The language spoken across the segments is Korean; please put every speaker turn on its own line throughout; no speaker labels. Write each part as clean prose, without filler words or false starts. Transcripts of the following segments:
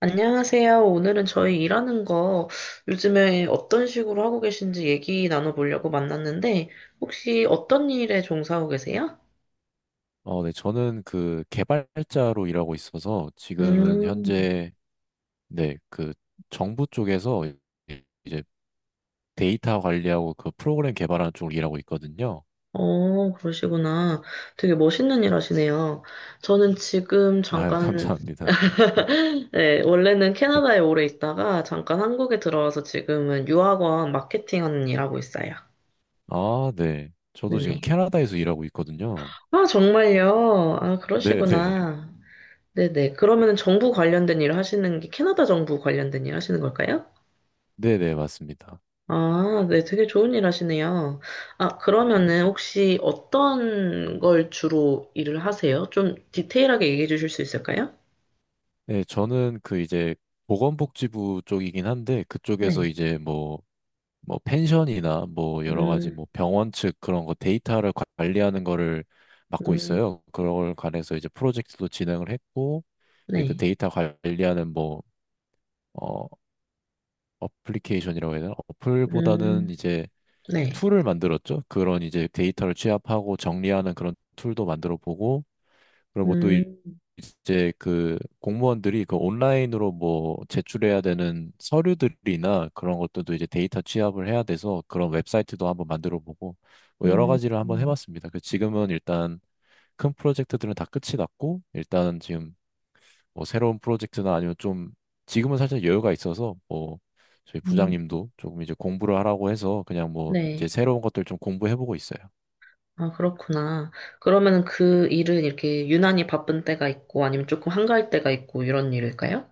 안녕하세요. 오늘은 저희 일하는 거 요즘에 어떤 식으로 하고 계신지 얘기 나눠보려고 만났는데, 혹시 어떤 일에 종사하고 계세요?
네, 저는 그 개발자로 일하고 있어서 지금은
음,
현재 네, 그 정부 쪽에서 이제 데이터 관리하고 그 프로그램 개발하는 쪽으로 일하고 있거든요.
어, 그러시구나. 되게 멋있는 일 하시네요. 저는 지금
아,
잠깐,
감사합니다.
네, 원래는 캐나다에 오래 있다가 잠깐 한국에 들어와서 지금은 유학원 마케팅 하는 일 하고 있어요.
아, 네. 저도 지금
네네.
캐나다에서 일하고 있거든요.
아, 정말요? 아,
네, 네.
그러시구나. 네네. 그러면은 정부 관련된 일 하시는 게 캐나다 정부 관련된 일 하시는 걸까요?
네, 네, 맞습니다.
아, 네. 되게 좋은 일 하시네요. 아,
네, 그-
그러면은 혹시 어떤 걸 주로 일을 하세요? 좀 디테일하게 얘기해 주실 수 있을까요?
네, 저는 그 이제 보건복지부 쪽이긴 한데 그쪽에서
네.
이제 뭐 뭐 펜션이나 뭐 여러 가지
음,
뭐 병원 측 그런 거 데이터를 관리하는 거를 맡고
음,
있어요. 그걸 관해서 이제 프로젝트도 진행을 했고 이제 그
네.
데이터 관리하는 뭐 어, 어플리케이션이라고 해야 되나?
음,
어플보다는 이제
네.
툴을 만들었죠. 그런 이제 데이터를 취합하고 정리하는 그런 툴도 만들어 보고 그리고 뭐또
음,
이제 그 공무원들이 그 온라인으로 뭐 제출해야 되는 서류들이나 그런 것들도 이제 데이터 취합을 해야 돼서 그런 웹사이트도 한번 만들어 보고 뭐 여러
음,
가지를 한번
음,
해봤습니다. 그 지금은 일단 큰 프로젝트들은 다 끝이 났고 일단은 지금 뭐 새로운 프로젝트나 아니면 좀 지금은 살짝 여유가 있어서 뭐 저희
음,
부장님도 조금 이제 공부를 하라고 해서 그냥 뭐 이제
네.
새로운 것들 좀 공부해보고 있어요.
아, 그렇구나. 그러면은 그 일은 이렇게 유난히 바쁜 때가 있고 아니면 조금 한가할 때가 있고 이런 일일까요?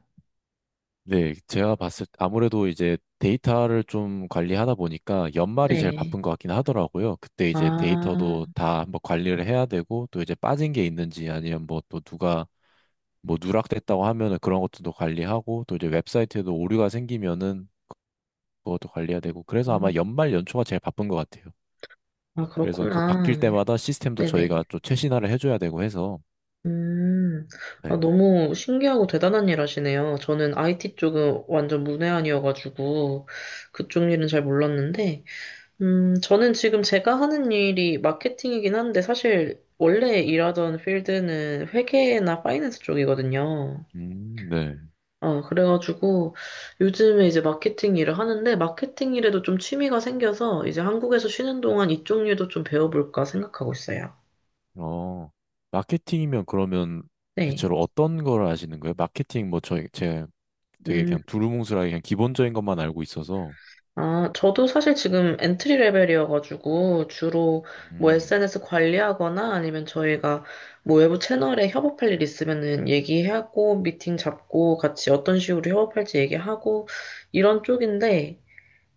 네, 제가 봤을 때 아무래도 이제 데이터를 좀 관리하다 보니까 연말이 제일
네.
바쁜 것 같긴 하더라고요. 그때 이제
아,
데이터도 다 한번 관리를 해야 되고 또 이제 빠진 게 있는지 아니면 뭐 또 누가 뭐 누락됐다고 하면은 그런 것도 또 관리하고 또 이제 웹사이트에도 오류가 생기면은 그것도 관리해야 되고 그래서 아마
음,
연말 연초가 제일 바쁜 것 같아요.
아,
그래서 그 바뀔
그렇구나.
때마다 시스템도 저희가
네네.
좀 최신화를 해줘야 되고 해서
음, 아,
네.
너무 신기하고 대단한 일 하시네요. 저는 IT 쪽은 완전 문외한이어가지고 그쪽 일은 잘 몰랐는데, 저는 지금 제가 하는 일이 마케팅이긴 한데 사실 원래 일하던 필드는 회계나 파이낸스 쪽이거든요.
네.
어, 그래가지고 요즘에 이제 마케팅 일을 하는데 마케팅 일에도 좀 취미가 생겨서 이제 한국에서 쉬는 동안 이쪽 일도 좀 배워볼까 생각하고 있어요.
어, 마케팅이면 그러면
네.
대체로 어떤 걸 아시는 거예요? 마케팅 뭐 제 되게
음.
그냥 두루뭉술하게 그냥 기본적인 것만 알고 있어서
아, 저도 사실 지금 엔트리 레벨이어가지고 주로 뭐
음,
SNS 관리하거나 아니면 저희가 뭐 외부 채널에 협업할 일 있으면은 얘기하고 미팅 잡고 같이 어떤 식으로 협업할지 얘기하고 이런 쪽인데,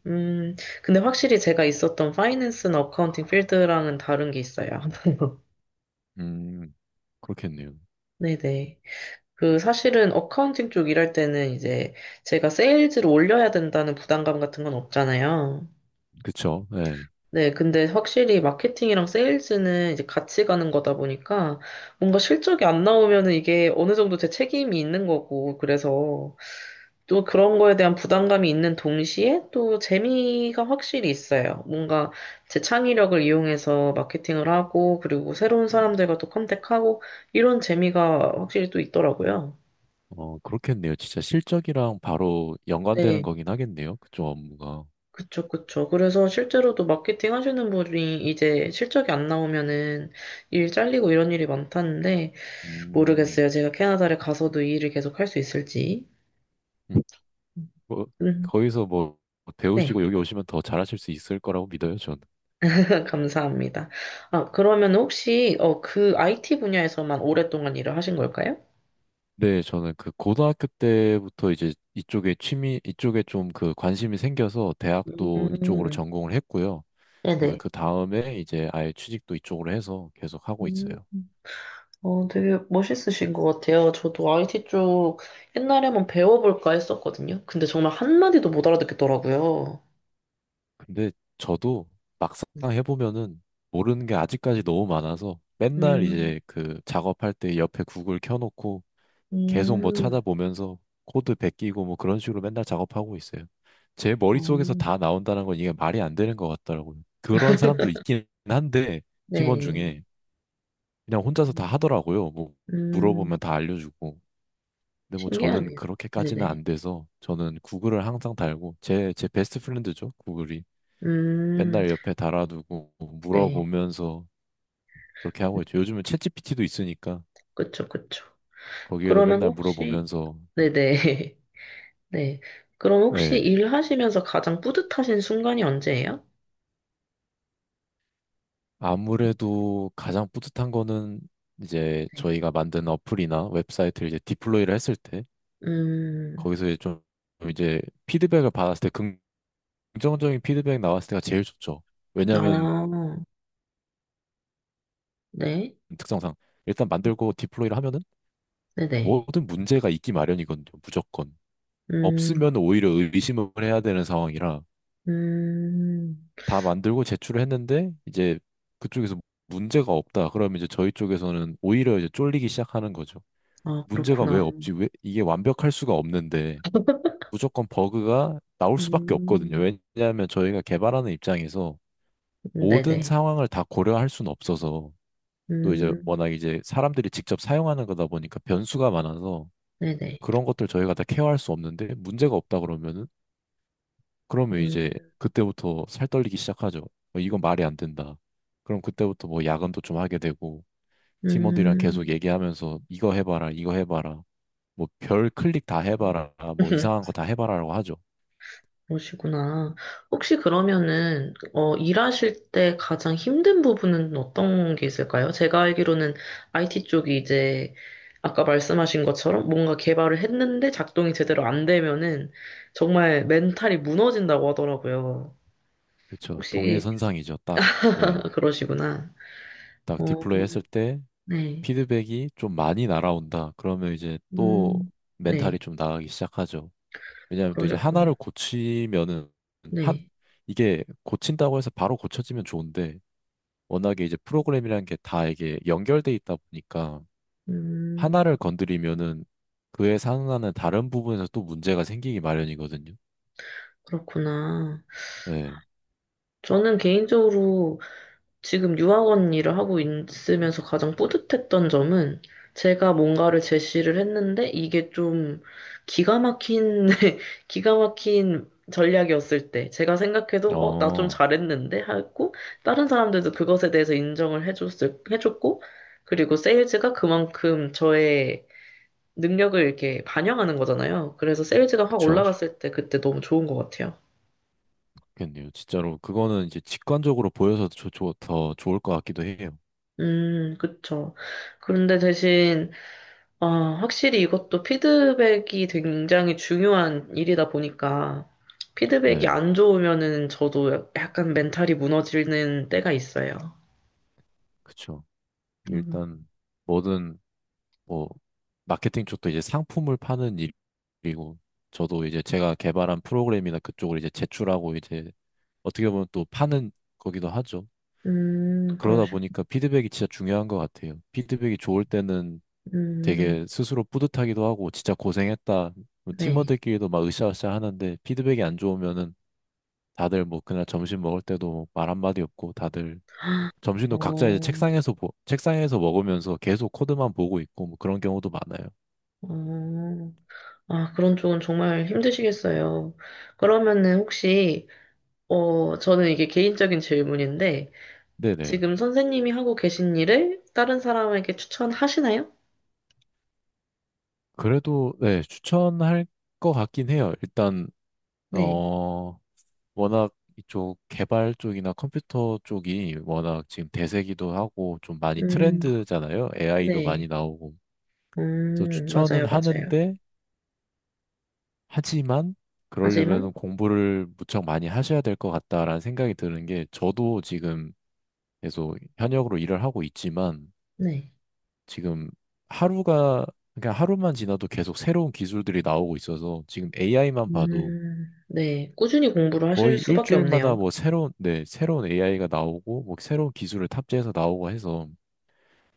음, 근데 확실히 제가 있었던 파이낸스나 어카운팅 필드랑은 다른 게 있어요.
음, 그렇겠네요.
네네. 그 사실은 어카운팅 쪽 일할 때는 이제 제가 세일즈를 올려야 된다는 부담감 같은 건 없잖아요.
그쵸? 네.
네, 근데 확실히 마케팅이랑 세일즈는 이제 같이 가는 거다 보니까 뭔가 실적이 안 나오면은 이게 어느 정도 제 책임이 있는 거고, 그래서 또 그런 거에 대한 부담감이 있는 동시에 또 재미가 확실히 있어요. 뭔가 제 창의력을 이용해서 마케팅을 하고, 그리고 새로운 사람들과 또 컨택하고, 이런 재미가 확실히 또 있더라고요.
어, 그렇겠네요. 진짜 실적이랑 바로 연관되는
네,
거긴 하겠네요. 그쪽 업무가.
그쵸, 그쵸. 그래서 실제로도 마케팅 하시는 분이 이제 실적이 안 나오면은 일 잘리고 이런 일이 많다는데,
음,
모르겠어요. 제가 캐나다를 가서도 이 일을 계속 할 수 있을지.
뭐,
음,
거기서 뭐
네,
배우시고 여기 오시면 더 잘하실 수 있을 거라고 믿어요, 저는.
감사합니다. 아, 그러면 혹시 어, 그 IT 분야에서만 오랫동안 일을 하신 걸까요?
네, 저는 그 고등학교 때부터 이제 이쪽에 취미, 이쪽에 좀 그 관심이 생겨서 대학도 이쪽으로
음,
전공을 했고요. 그래서
네네.
그 다음에 이제 아예 취직도 이쪽으로 해서 계속 하고
음,
있어요.
어, 되게 멋있으신 것 같아요. 저도 IT 쪽 옛날에 한번 배워볼까 했었거든요. 근데 정말 한마디도 못 알아듣겠더라고요.
근데 저도 막상 해보면은 모르는 게 아직까지 너무 많아서 맨날
음,
이제 그 작업할 때 옆에 구글 켜놓고 계속 뭐
음,
찾아보면서 코드 베끼고 뭐 그런 식으로 맨날 작업하고 있어요. 제
어,
머릿속에서 다 나온다는 건 이게 말이 안 되는 것 같더라고요. 그런 사람도 있긴 한데, 팀원
네.
중에 그냥 혼자서 다
음,
하더라고요. 뭐
음,
물어보면 다 알려주고. 근데 뭐 저는
신기하네요.
그렇게까지는
네네.
안 돼서 저는 구글을 항상 달고 제 베스트 프렌드죠. 구글이.
음,
맨날 옆에 달아두고
네.
물어보면서 그렇게 하고 있죠. 요즘은 챗GPT도 있으니까
그쵸, 그쵸.
거기에도
그러면
맨날
혹시,
물어보면서
네네, 네. 그럼 혹시
네.
일하시면서 가장 뿌듯하신 순간이 언제예요?
아무래도 가장 뿌듯한 거는 이제
네.
저희가 만든 어플이나 웹사이트를 이제 디플로이를 했을 때
음,
거기서 이제 좀 이제 피드백을 받았을 때 긍정적인 피드백 나왔을 때가 제일 좋죠. 왜냐하면
아, 네,
특성상 일단 만들고 디플로이를 하면은
네네.
모든 문제가 있기 마련이거든요. 무조건.
음,
없으면 오히려 의심을 해야 되는 상황이라
음,
다 만들고 제출을 했는데 이제 그쪽에서 문제가 없다. 그러면 이제 저희 쪽에서는 오히려 이제 쫄리기 시작하는 거죠.
아,
문제가 왜
그렇구나.
없지? 왜 이게 완벽할 수가 없는데 무조건 버그가 나올 수밖에 없거든요.
음,
왜냐하면 저희가 개발하는 입장에서 모든
네네.
상황을 다 고려할 수는 없어서 또 이제
음,
워낙 이제 사람들이 직접 사용하는 거다 보니까 변수가 많아서
네네.
그런 것들 저희가 다 케어할 수 없는데 문제가 없다 그러면은 그러면
음,
이제 그때부터 살 떨리기 시작하죠. 어, 이건 말이 안 된다. 그럼 그때부터 뭐 야근도 좀 하게 되고 팀원들이랑 계속
음.
얘기하면서 이거 해봐라, 이거 해봐라. 뭐 별 클릭 다 해봐라, 뭐 이상한 거 다 해봐라라고 하죠.
그러시구나. 혹시 그러면은, 어, 일하실 때 가장 힘든 부분은 어떤 게 있을까요? 제가 알기로는 IT 쪽이 이제, 아까 말씀하신 것처럼 뭔가 개발을 했는데 작동이 제대로 안 되면은 정말 멘탈이 무너진다고 하더라고요.
그쵸. 동일
혹시
선상이죠. 딱, 네.
그러시구나.
딱
어,
디플레이 했을 때
네.
피드백이 좀 많이 날아온다. 그러면 이제 또
음,
멘탈이
네.
좀 나가기 시작하죠. 왜냐하면 또 이제
그러셨구나.
하나를 고치면은, 한,
네.
이게 고친다고 해서 바로 고쳐지면 좋은데, 워낙에 이제 프로그램이라는 게 다 이게 연결돼 있다 보니까
음, 그-
하나를 건드리면은 그에 상응하는 다른 부분에서 또 문제가 생기기 마련이거든요.
그렇구나.
네.
저는 개인적으로 지금 유학원 일을 하고 있으면서 가장 뿌듯했던 점은 제가 뭔가를 제시를 했는데 이게 좀 기가 막힌, 기가 막힌 전략이었을 때 제가 생각해도 어, 나 좀
어,
잘했는데 하고 다른 사람들도 그것에 대해서 인정을 해줬을, 해줬고 그리고 세일즈가 그만큼 저의 능력을 이렇게 반영하는 거잖아요. 그래서 세일즈가 확
그쵸.
올라갔을 때 그때 너무 좋은 것 같아요.
그렇겠네요. 진짜로 그거는 이제 직관적으로 보여서 더 좋을 것 같기도 해요.
그쵸. 그런데 대신 아, 확실히 이것도 피드백이 굉장히 중요한 일이다 보니까 피드백이
네.
안 좋으면은 저도 약간 멘탈이 무너지는 때가 있어요.
그쵸.
음,
일단 뭐든 뭐 마케팅 쪽도 이제 상품을 파는 일이고 저도 이제 제가 개발한 프로그램이나 그쪽을 이제 제출하고 이제 어떻게 보면 또 파는 거기도 하죠. 그러다
그러시,
보니까 피드백이 진짜 중요한 것 같아요. 피드백이 좋을 때는 되게
음,
스스로 뿌듯하기도 하고 진짜 고생했다. 뭐
네.
팀원들끼리도 막 으쌰으쌰 하는데 피드백이 안 좋으면은 다들 뭐 그날 점심 먹을 때도 뭐 말 한마디 없고 다들 점심도 각자 이제
어,
책상에서 책상에서 먹으면서 계속 코드만 보고 있고 뭐 그런 경우도 많아요.
어, 아, 그런 쪽은 정말 힘드시겠어요. 그러면은 혹시, 어, 저는 이게 개인적인 질문인데,
네네.
지금 선생님이 하고 계신 일을 다른 사람에게 추천하시나요?
그래도 네 추천할 것 같긴 해요. 일단
네.
어 워낙 이쪽 개발 쪽이나 컴퓨터 쪽이 워낙 지금 대세기도 하고 좀 많이
음,
트렌드잖아요. AI도
네.
많이 나오고. 그래서 추천은
맞아요, 맞아요.
하는데 하지만
하지만,
그러려면 공부를 무척 많이 하셔야 될 것 같다라는 생각이 드는 게 저도 지금 계속 현역으로 일을 하고 있지만
네.
지금 하루가 그냥 하루만 지나도 계속 새로운 기술들이 나오고 있어서 지금 AI만 봐도
네. 꾸준히 공부를 하실
거의
수밖에
일주일마다
없네요.
뭐 새로운, 네, 새로운 AI가 나오고, 뭐 새로운 기술을 탑재해서 나오고 해서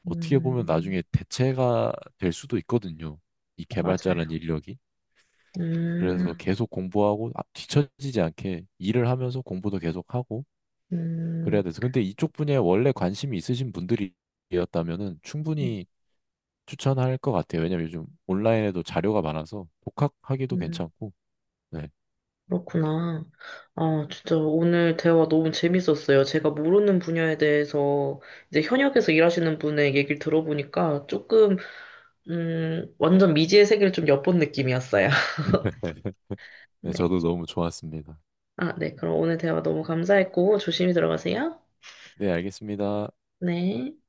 어떻게 보면
음,
나중에 대체가 될 수도 있거든요. 이 개발자라는
맞아요.
인력이.
음,
그래서 계속 공부하고 아, 뒤처지지 않게 일을 하면서 공부도 계속 하고 그래야
음,
돼서. 근데 이쪽 분야에 원래 관심이 있으신 분들이었다면은
음,
충분히 추천할 것 같아요. 왜냐면 요즘 온라인에도 자료가 많아서 독학하기도
음,
괜찮고. 네.
그렇구나. 아, 진짜 오늘 대화 너무 재밌었어요. 제가 모르는 분야에 대해서 이제 현역에서 일하시는 분의 얘기를 들어보니까 조금, 완전 미지의 세계를 좀 엿본 느낌이었어요.
네,
네.
저도 너무 좋았습니다.
아, 네. 그럼 오늘 대화 너무 감사했고, 조심히 들어가세요.
네, 알겠습니다.
네.